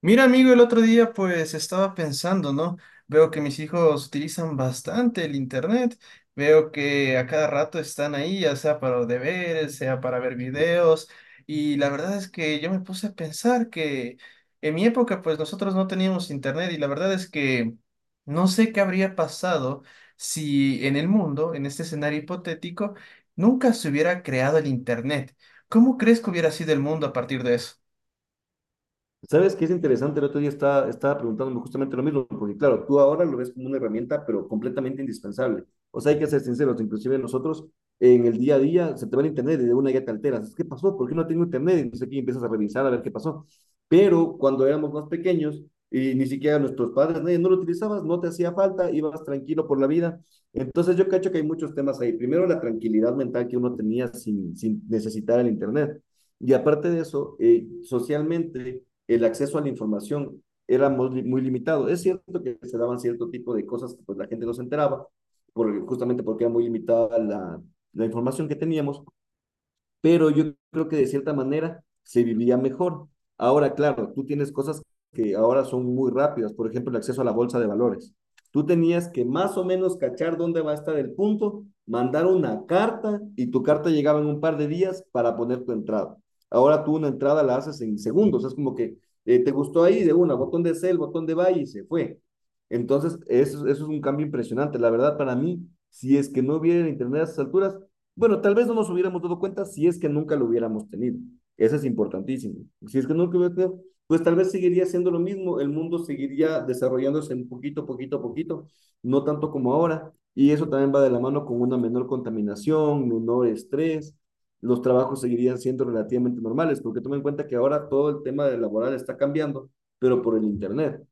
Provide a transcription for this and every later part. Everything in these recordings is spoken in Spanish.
Mira, amigo, el otro día pues estaba pensando, ¿no? Veo que mis hijos utilizan bastante el internet, veo que a cada rato están ahí, ya sea para los deberes, sea para ver videos, y la verdad es que yo me puse a pensar que en mi época pues nosotros no teníamos internet y la verdad es que no sé qué habría pasado si en el mundo, en este escenario hipotético, nunca se hubiera creado el internet. ¿Cómo crees que hubiera sido el mundo a partir de eso? ¿Sabes qué es interesante? El otro día estaba preguntándome justamente lo mismo, porque claro, tú ahora lo ves como una herramienta, pero completamente indispensable. O sea, hay que ser sinceros, inclusive nosotros en el día a día se te va el internet y de una ya te alteras. ¿Qué pasó? ¿Por qué no tengo internet? Entonces aquí empiezas a revisar a ver qué pasó. Pero cuando éramos más pequeños y ni siquiera nuestros padres, nadie, no lo utilizabas, no te hacía falta, ibas tranquilo por la vida. Entonces yo cacho que hay muchos temas ahí. Primero, la tranquilidad mental que uno tenía sin necesitar el internet. Y aparte de eso, socialmente el acceso a la información era muy, muy limitado. Es cierto que se daban cierto tipo de cosas que pues, la gente no se enteraba, justamente porque era muy limitada la información que teníamos, pero yo creo que de cierta manera se vivía mejor. Ahora, claro, tú tienes cosas que ahora son muy rápidas, por ejemplo, el acceso a la bolsa de valores. Tú tenías que más o menos cachar dónde va a estar el punto, mandar una carta y tu carta llegaba en un par de días para poner tu entrada. Ahora tú una entrada la haces en segundos, es como que te gustó ahí de una, botón de sell, botón de buy y se fue. Entonces, eso es un cambio impresionante. La verdad, para mí, si es que no hubiera internet a esas alturas, bueno, tal vez no nos hubiéramos dado cuenta si es que nunca lo hubiéramos tenido. Eso es importantísimo. Si es que nunca lo hubiéramos tenido, pues tal vez seguiría siendo lo mismo, el mundo seguiría desarrollándose un poquito, poquito, poquito, no tanto como ahora. Y eso también va de la mano con una menor contaminación, menor estrés, los trabajos seguirían siendo relativamente normales, porque tomen en cuenta que ahora todo el tema del laboral está cambiando, pero por el internet.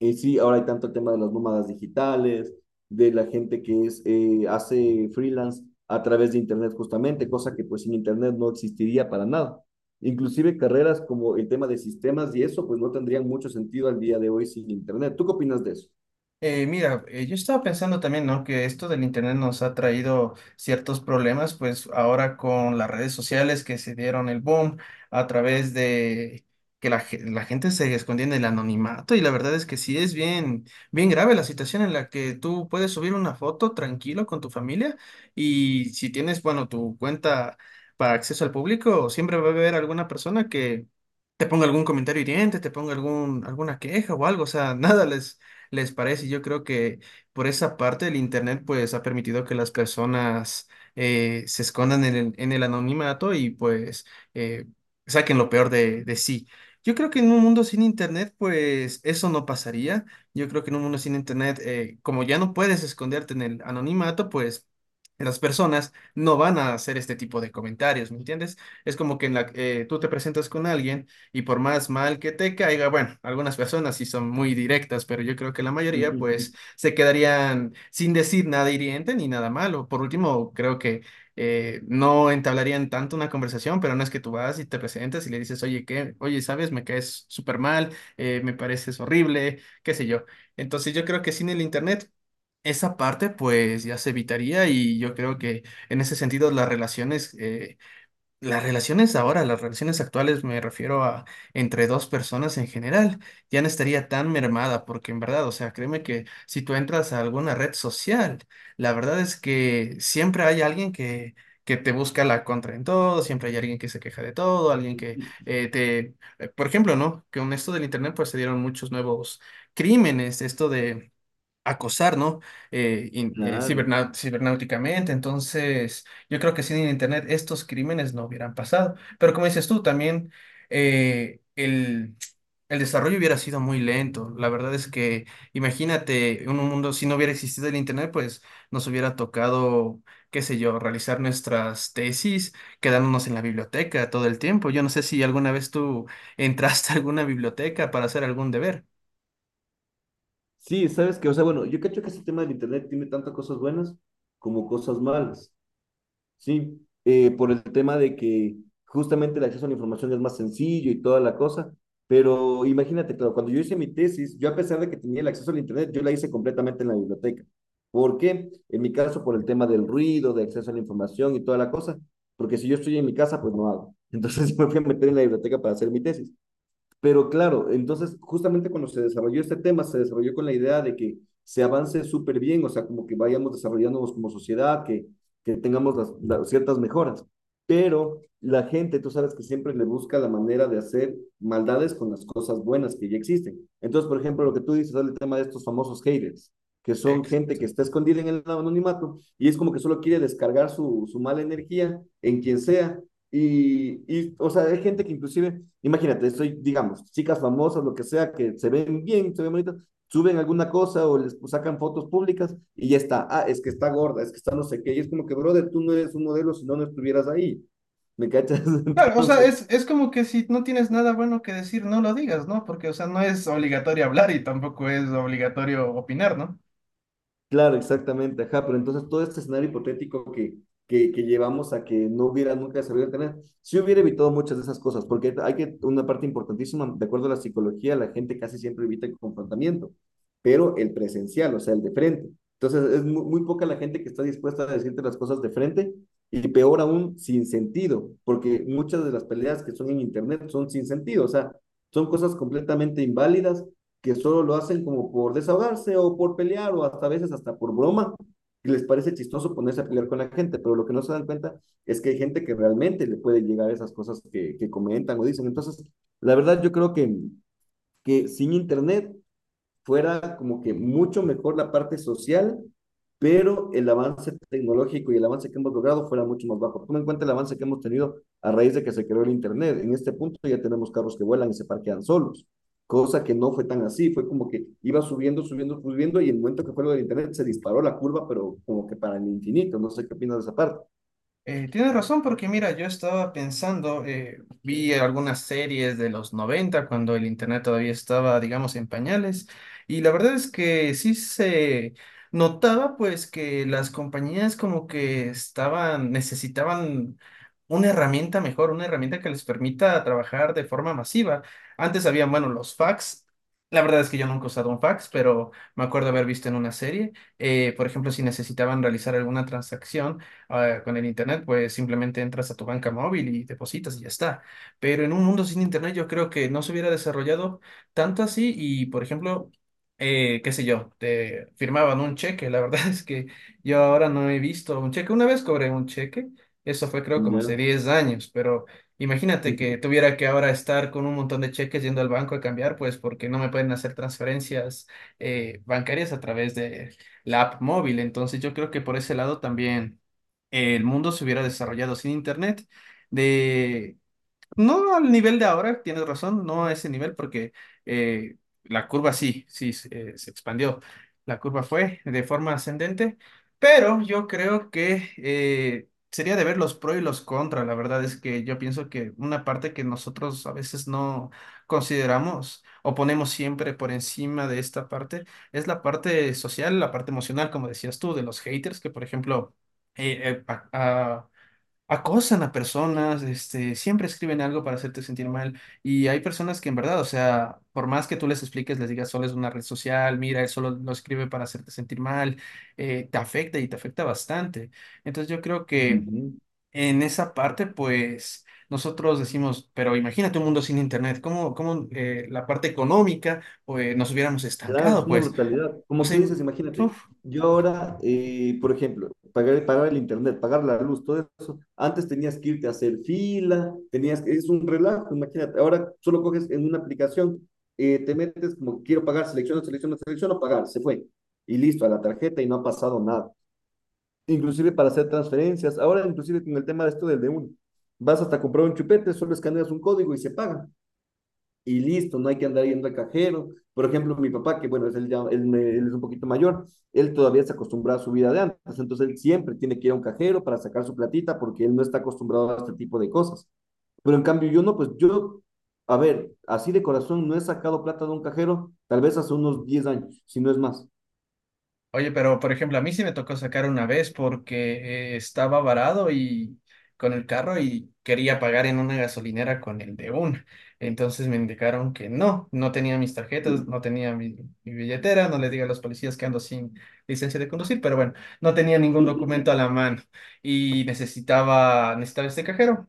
Sí, ahora hay tanto el tema de las nómadas digitales, de la gente que es, hace freelance a través de internet justamente, cosa que pues sin internet no existiría para nada. Inclusive carreras como el tema de sistemas y eso, pues no tendrían mucho sentido al día de hoy sin internet. ¿Tú qué opinas de eso? Yo estaba pensando también, ¿no? Que esto del internet nos ha traído ciertos problemas, pues ahora con las redes sociales que se dieron el boom a través de que la gente se escondía en el anonimato y la verdad es que sí es bien grave la situación en la que tú puedes subir una foto tranquilo con tu familia y si tienes, bueno, tu cuenta para acceso al público, siempre va a haber alguna persona que te ponga algún comentario hiriente, te ponga alguna queja o algo, o sea, nada les parece. Yo creo que por esa parte el Internet pues ha permitido que las personas se escondan en en el anonimato y pues eh, saquen lo peor de sí. Yo creo que en un mundo sin Internet pues eso no pasaría. Yo creo que en un mundo sin Internet, como ya no puedes esconderte en el anonimato pues... Las personas no van a hacer este tipo de comentarios, ¿me entiendes? Es como que tú te presentas con alguien y por más mal que te caiga, bueno, algunas personas sí son muy directas, pero yo creo que la mayoría pues se quedarían sin decir nada hiriente ni nada malo. Por último, creo que no entablarían tanto una conversación, pero no es que tú vas y te presentas y le dices, oye, ¿qué? Oye, ¿sabes? Me caes súper mal, me pareces horrible, qué sé yo. Entonces yo creo que sin el internet... Esa parte pues ya se evitaría y yo creo que en ese sentido las relaciones actuales, me refiero a entre dos personas en general, ya no estaría tan mermada, porque en verdad, o sea, créeme que si tú entras a alguna red social, la verdad es que siempre hay alguien que te busca la contra en todo, siempre hay alguien que se queja de todo, alguien que por ejemplo, ¿no? Que con esto del internet, pues se dieron muchos nuevos crímenes, esto de acosar, ¿no? Claro. Cibernáuticamente. Entonces, yo creo que sin el Internet estos crímenes no hubieran pasado. Pero como dices tú, también eh, el, el desarrollo hubiera sido muy lento. La verdad es que, imagínate, en un mundo, si no hubiera existido el Internet, pues nos hubiera tocado, qué sé yo, realizar nuestras tesis, quedándonos en la biblioteca todo el tiempo. Yo no sé si alguna vez tú entraste a alguna biblioteca para hacer algún deber. Sí, sabes que, o sea, bueno, yo cacho que ese tema del internet tiene tantas cosas buenas como cosas malas. Sí, por el tema de que justamente el acceso a la información es más sencillo y toda la cosa, pero imagínate, claro, cuando yo hice mi tesis, yo a pesar de que tenía el acceso al internet, yo la hice completamente en la biblioteca. ¿Por qué? En mi caso, por el tema del ruido, de acceso a la información y toda la cosa, porque si yo estoy en mi casa, pues no hago. Entonces me fui a meter en la biblioteca para hacer mi tesis. Pero claro, entonces justamente cuando se desarrolló este tema, se desarrolló con la idea de que se avance súper bien, o sea, como que vayamos desarrollándonos como sociedad, que tengamos las ciertas mejoras. Pero la gente, tú sabes que siempre le busca la manera de hacer maldades con las cosas buenas que ya existen. Entonces, por ejemplo, lo que tú dices es el tema de estos famosos haters, que son gente que está escondida en el anonimato y es como que solo quiere descargar su mala energía en quien sea o sea, hay gente que inclusive, imagínate, soy, digamos, chicas famosas, lo que sea, que se ven bien, se ven bonitas, suben alguna cosa o les pues, sacan fotos públicas y ya está. Ah, es que está gorda, es que está no sé qué. Y es como que, brother, tú no eres un modelo si no, no estuvieras ahí. ¿Me cachas? Claro, o sea, Entonces, es como que si no tienes nada bueno que decir, no lo digas, ¿no? Porque, o sea, no es obligatorio hablar y tampoco es obligatorio opinar, ¿no? claro, exactamente, ajá, pero entonces todo este escenario hipotético que llevamos a que no hubiera nunca desarrollado internet, sí hubiera evitado muchas de esas cosas, porque hay que, una parte importantísima, de acuerdo a la psicología, la gente casi siempre evita el confrontamiento, pero el presencial, o sea, el de frente. Entonces es muy, muy poca la gente que está dispuesta a decirte las cosas de frente y peor aún, sin sentido, porque muchas de las peleas que son en internet son sin sentido, o sea, son cosas completamente inválidas que solo lo hacen como por desahogarse o por pelear o hasta a veces hasta por broma. Y les parece chistoso ponerse a pelear con la gente, pero lo que no se dan cuenta es que hay gente que realmente le puede llegar esas cosas que comentan o dicen. Entonces, la verdad yo creo que sin internet fuera como que mucho mejor la parte social, pero el avance tecnológico y el avance que hemos logrado fuera mucho más bajo. Toma en cuenta el avance que hemos tenido a raíz de que se creó el internet. En este punto ya tenemos carros que vuelan y se parquean solos, cosa que no fue tan así, fue como que iba subiendo, subiendo, subiendo y en el momento que fue lo del internet se disparó la curva, pero como que para el infinito, no sé qué opinas de esa parte. Tienes razón, porque mira, yo estaba pensando, vi algunas series de los 90 cuando el internet todavía estaba, digamos, en pañales, y la verdad es que sí se notaba pues que las compañías como que estaban, necesitaban una herramienta mejor, una herramienta que les permita trabajar de forma masiva. Antes había, bueno, los fax. La verdad es que yo nunca he usado un fax, pero me acuerdo haber visto en una serie, por ejemplo, si necesitaban realizar alguna transacción. Ahora, con el internet, pues simplemente entras a tu banca móvil y depositas y ya está. Pero en un mundo sin internet yo creo que no se hubiera desarrollado tanto así y, por ejemplo, qué sé yo, te firmaban un cheque. La verdad es que yo ahora no he visto un cheque. Una vez cobré un cheque, eso fue creo como hace Ya. 10 años, pero imagínate que Ujú. tuviera que ahora estar con un montón de cheques yendo al banco a cambiar, pues porque no me pueden hacer transferencias bancarias a través de la app móvil. Entonces yo creo que por ese lado también el mundo se hubiera desarrollado sin internet, de no al nivel de ahora, tienes razón, no a ese nivel porque eh, la curva sí, se expandió. La curva fue de forma ascendente, pero yo creo que sería de ver los pros y los contras. La verdad es que yo pienso que una parte que nosotros a veces no consideramos o ponemos siempre por encima de esta parte es la parte social, la parte emocional, como decías tú, de los haters que, por ejemplo, eh, eh, a- a- acosan a personas, este, siempre escriben algo para hacerte sentir mal. Y hay personas que en verdad, o sea, por más que tú les expliques, les digas solo es una red social, mira, él solo lo escribe para hacerte sentir mal, te afecta y te afecta bastante. Entonces yo creo que en esa parte, pues nosotros decimos, pero imagínate un mundo sin internet, ¿cómo, cómo la parte económica, pues nos hubiéramos Claro, es estancado, una pues? brutalidad. O Como tú sea, dices, imagínate, uf. yo ahora, por ejemplo, pagar el internet, pagar la luz, todo eso, antes tenías que irte a hacer fila, tenías que, es un relajo, imagínate, ahora solo coges en una aplicación, te metes como quiero pagar, selecciono, selecciono, selecciono, pagar, se fue. Y listo, a la tarjeta y no ha pasado nada. Inclusive para hacer transferencias, ahora inclusive con el tema de esto del de uno, vas hasta comprar un chupete, solo escaneas un código y se paga y listo, no hay que andar yendo al cajero. Por ejemplo, mi papá, que bueno, es él, ya, él es un poquito mayor, él todavía se acostumbra a su vida de antes, entonces él siempre tiene que ir a un cajero para sacar su platita porque él no está acostumbrado a este tipo de cosas. Pero en cambio yo no, pues yo, a ver, así de corazón no he sacado plata de un cajero tal vez hace unos 10 años, si no es más. Oye, pero por ejemplo, a mí sí me tocó sacar una vez porque estaba varado y con el carro y quería pagar en una gasolinera con el de una. Entonces me indicaron que no, no tenía mis tarjetas, no tenía mi billetera, no le diga a los policías que ando sin licencia de conducir, pero bueno, no tenía ningún documento a la mano y necesitaba este cajero.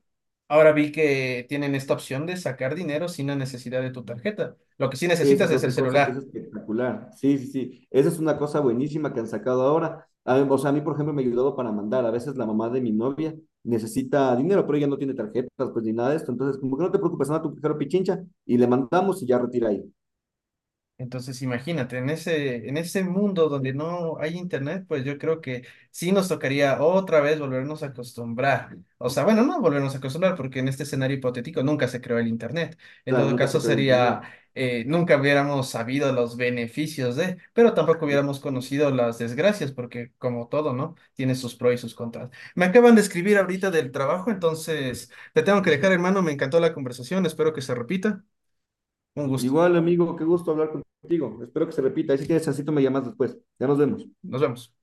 Ahora vi que tienen esta opción de sacar dinero sin la necesidad de tu tarjeta. Lo que sí Esa necesitas es es el otra cosa que es celular. espectacular. Sí, sí, sí. Esa es una cosa buenísima que han sacado ahora. A- o sea, a mí, por ejemplo, me ha ayudado para mandar. A veces la mamá de mi novia necesita dinero, pero ella no tiene tarjetas, pues ni nada de esto. Entonces, como que no te preocupes, anda a tu cajero Pichincha y le mandamos y ya retira ahí. Entonces, imagínate, en en ese mundo donde no hay internet, pues yo creo que sí nos tocaría otra vez volvernos a acostumbrar. O sea, bueno, no volvernos a acostumbrar, porque en este escenario hipotético nunca se creó el internet. En Claro, todo nunca se caso, creó el internet. sería, nunca hubiéramos sabido los beneficios de, pero tampoco hubiéramos conocido las desgracias, porque como todo, ¿no? Tiene sus pros y sus contras. Me acaban de escribir ahorita del trabajo, entonces te tengo que dejar, hermano. Me encantó la conversación, espero que se repita. Un gusto. Igual, amigo, qué gusto hablar contigo. Espero que se repita. Y si tienes chancito, me llamas después. Ya nos vemos. Nos vemos.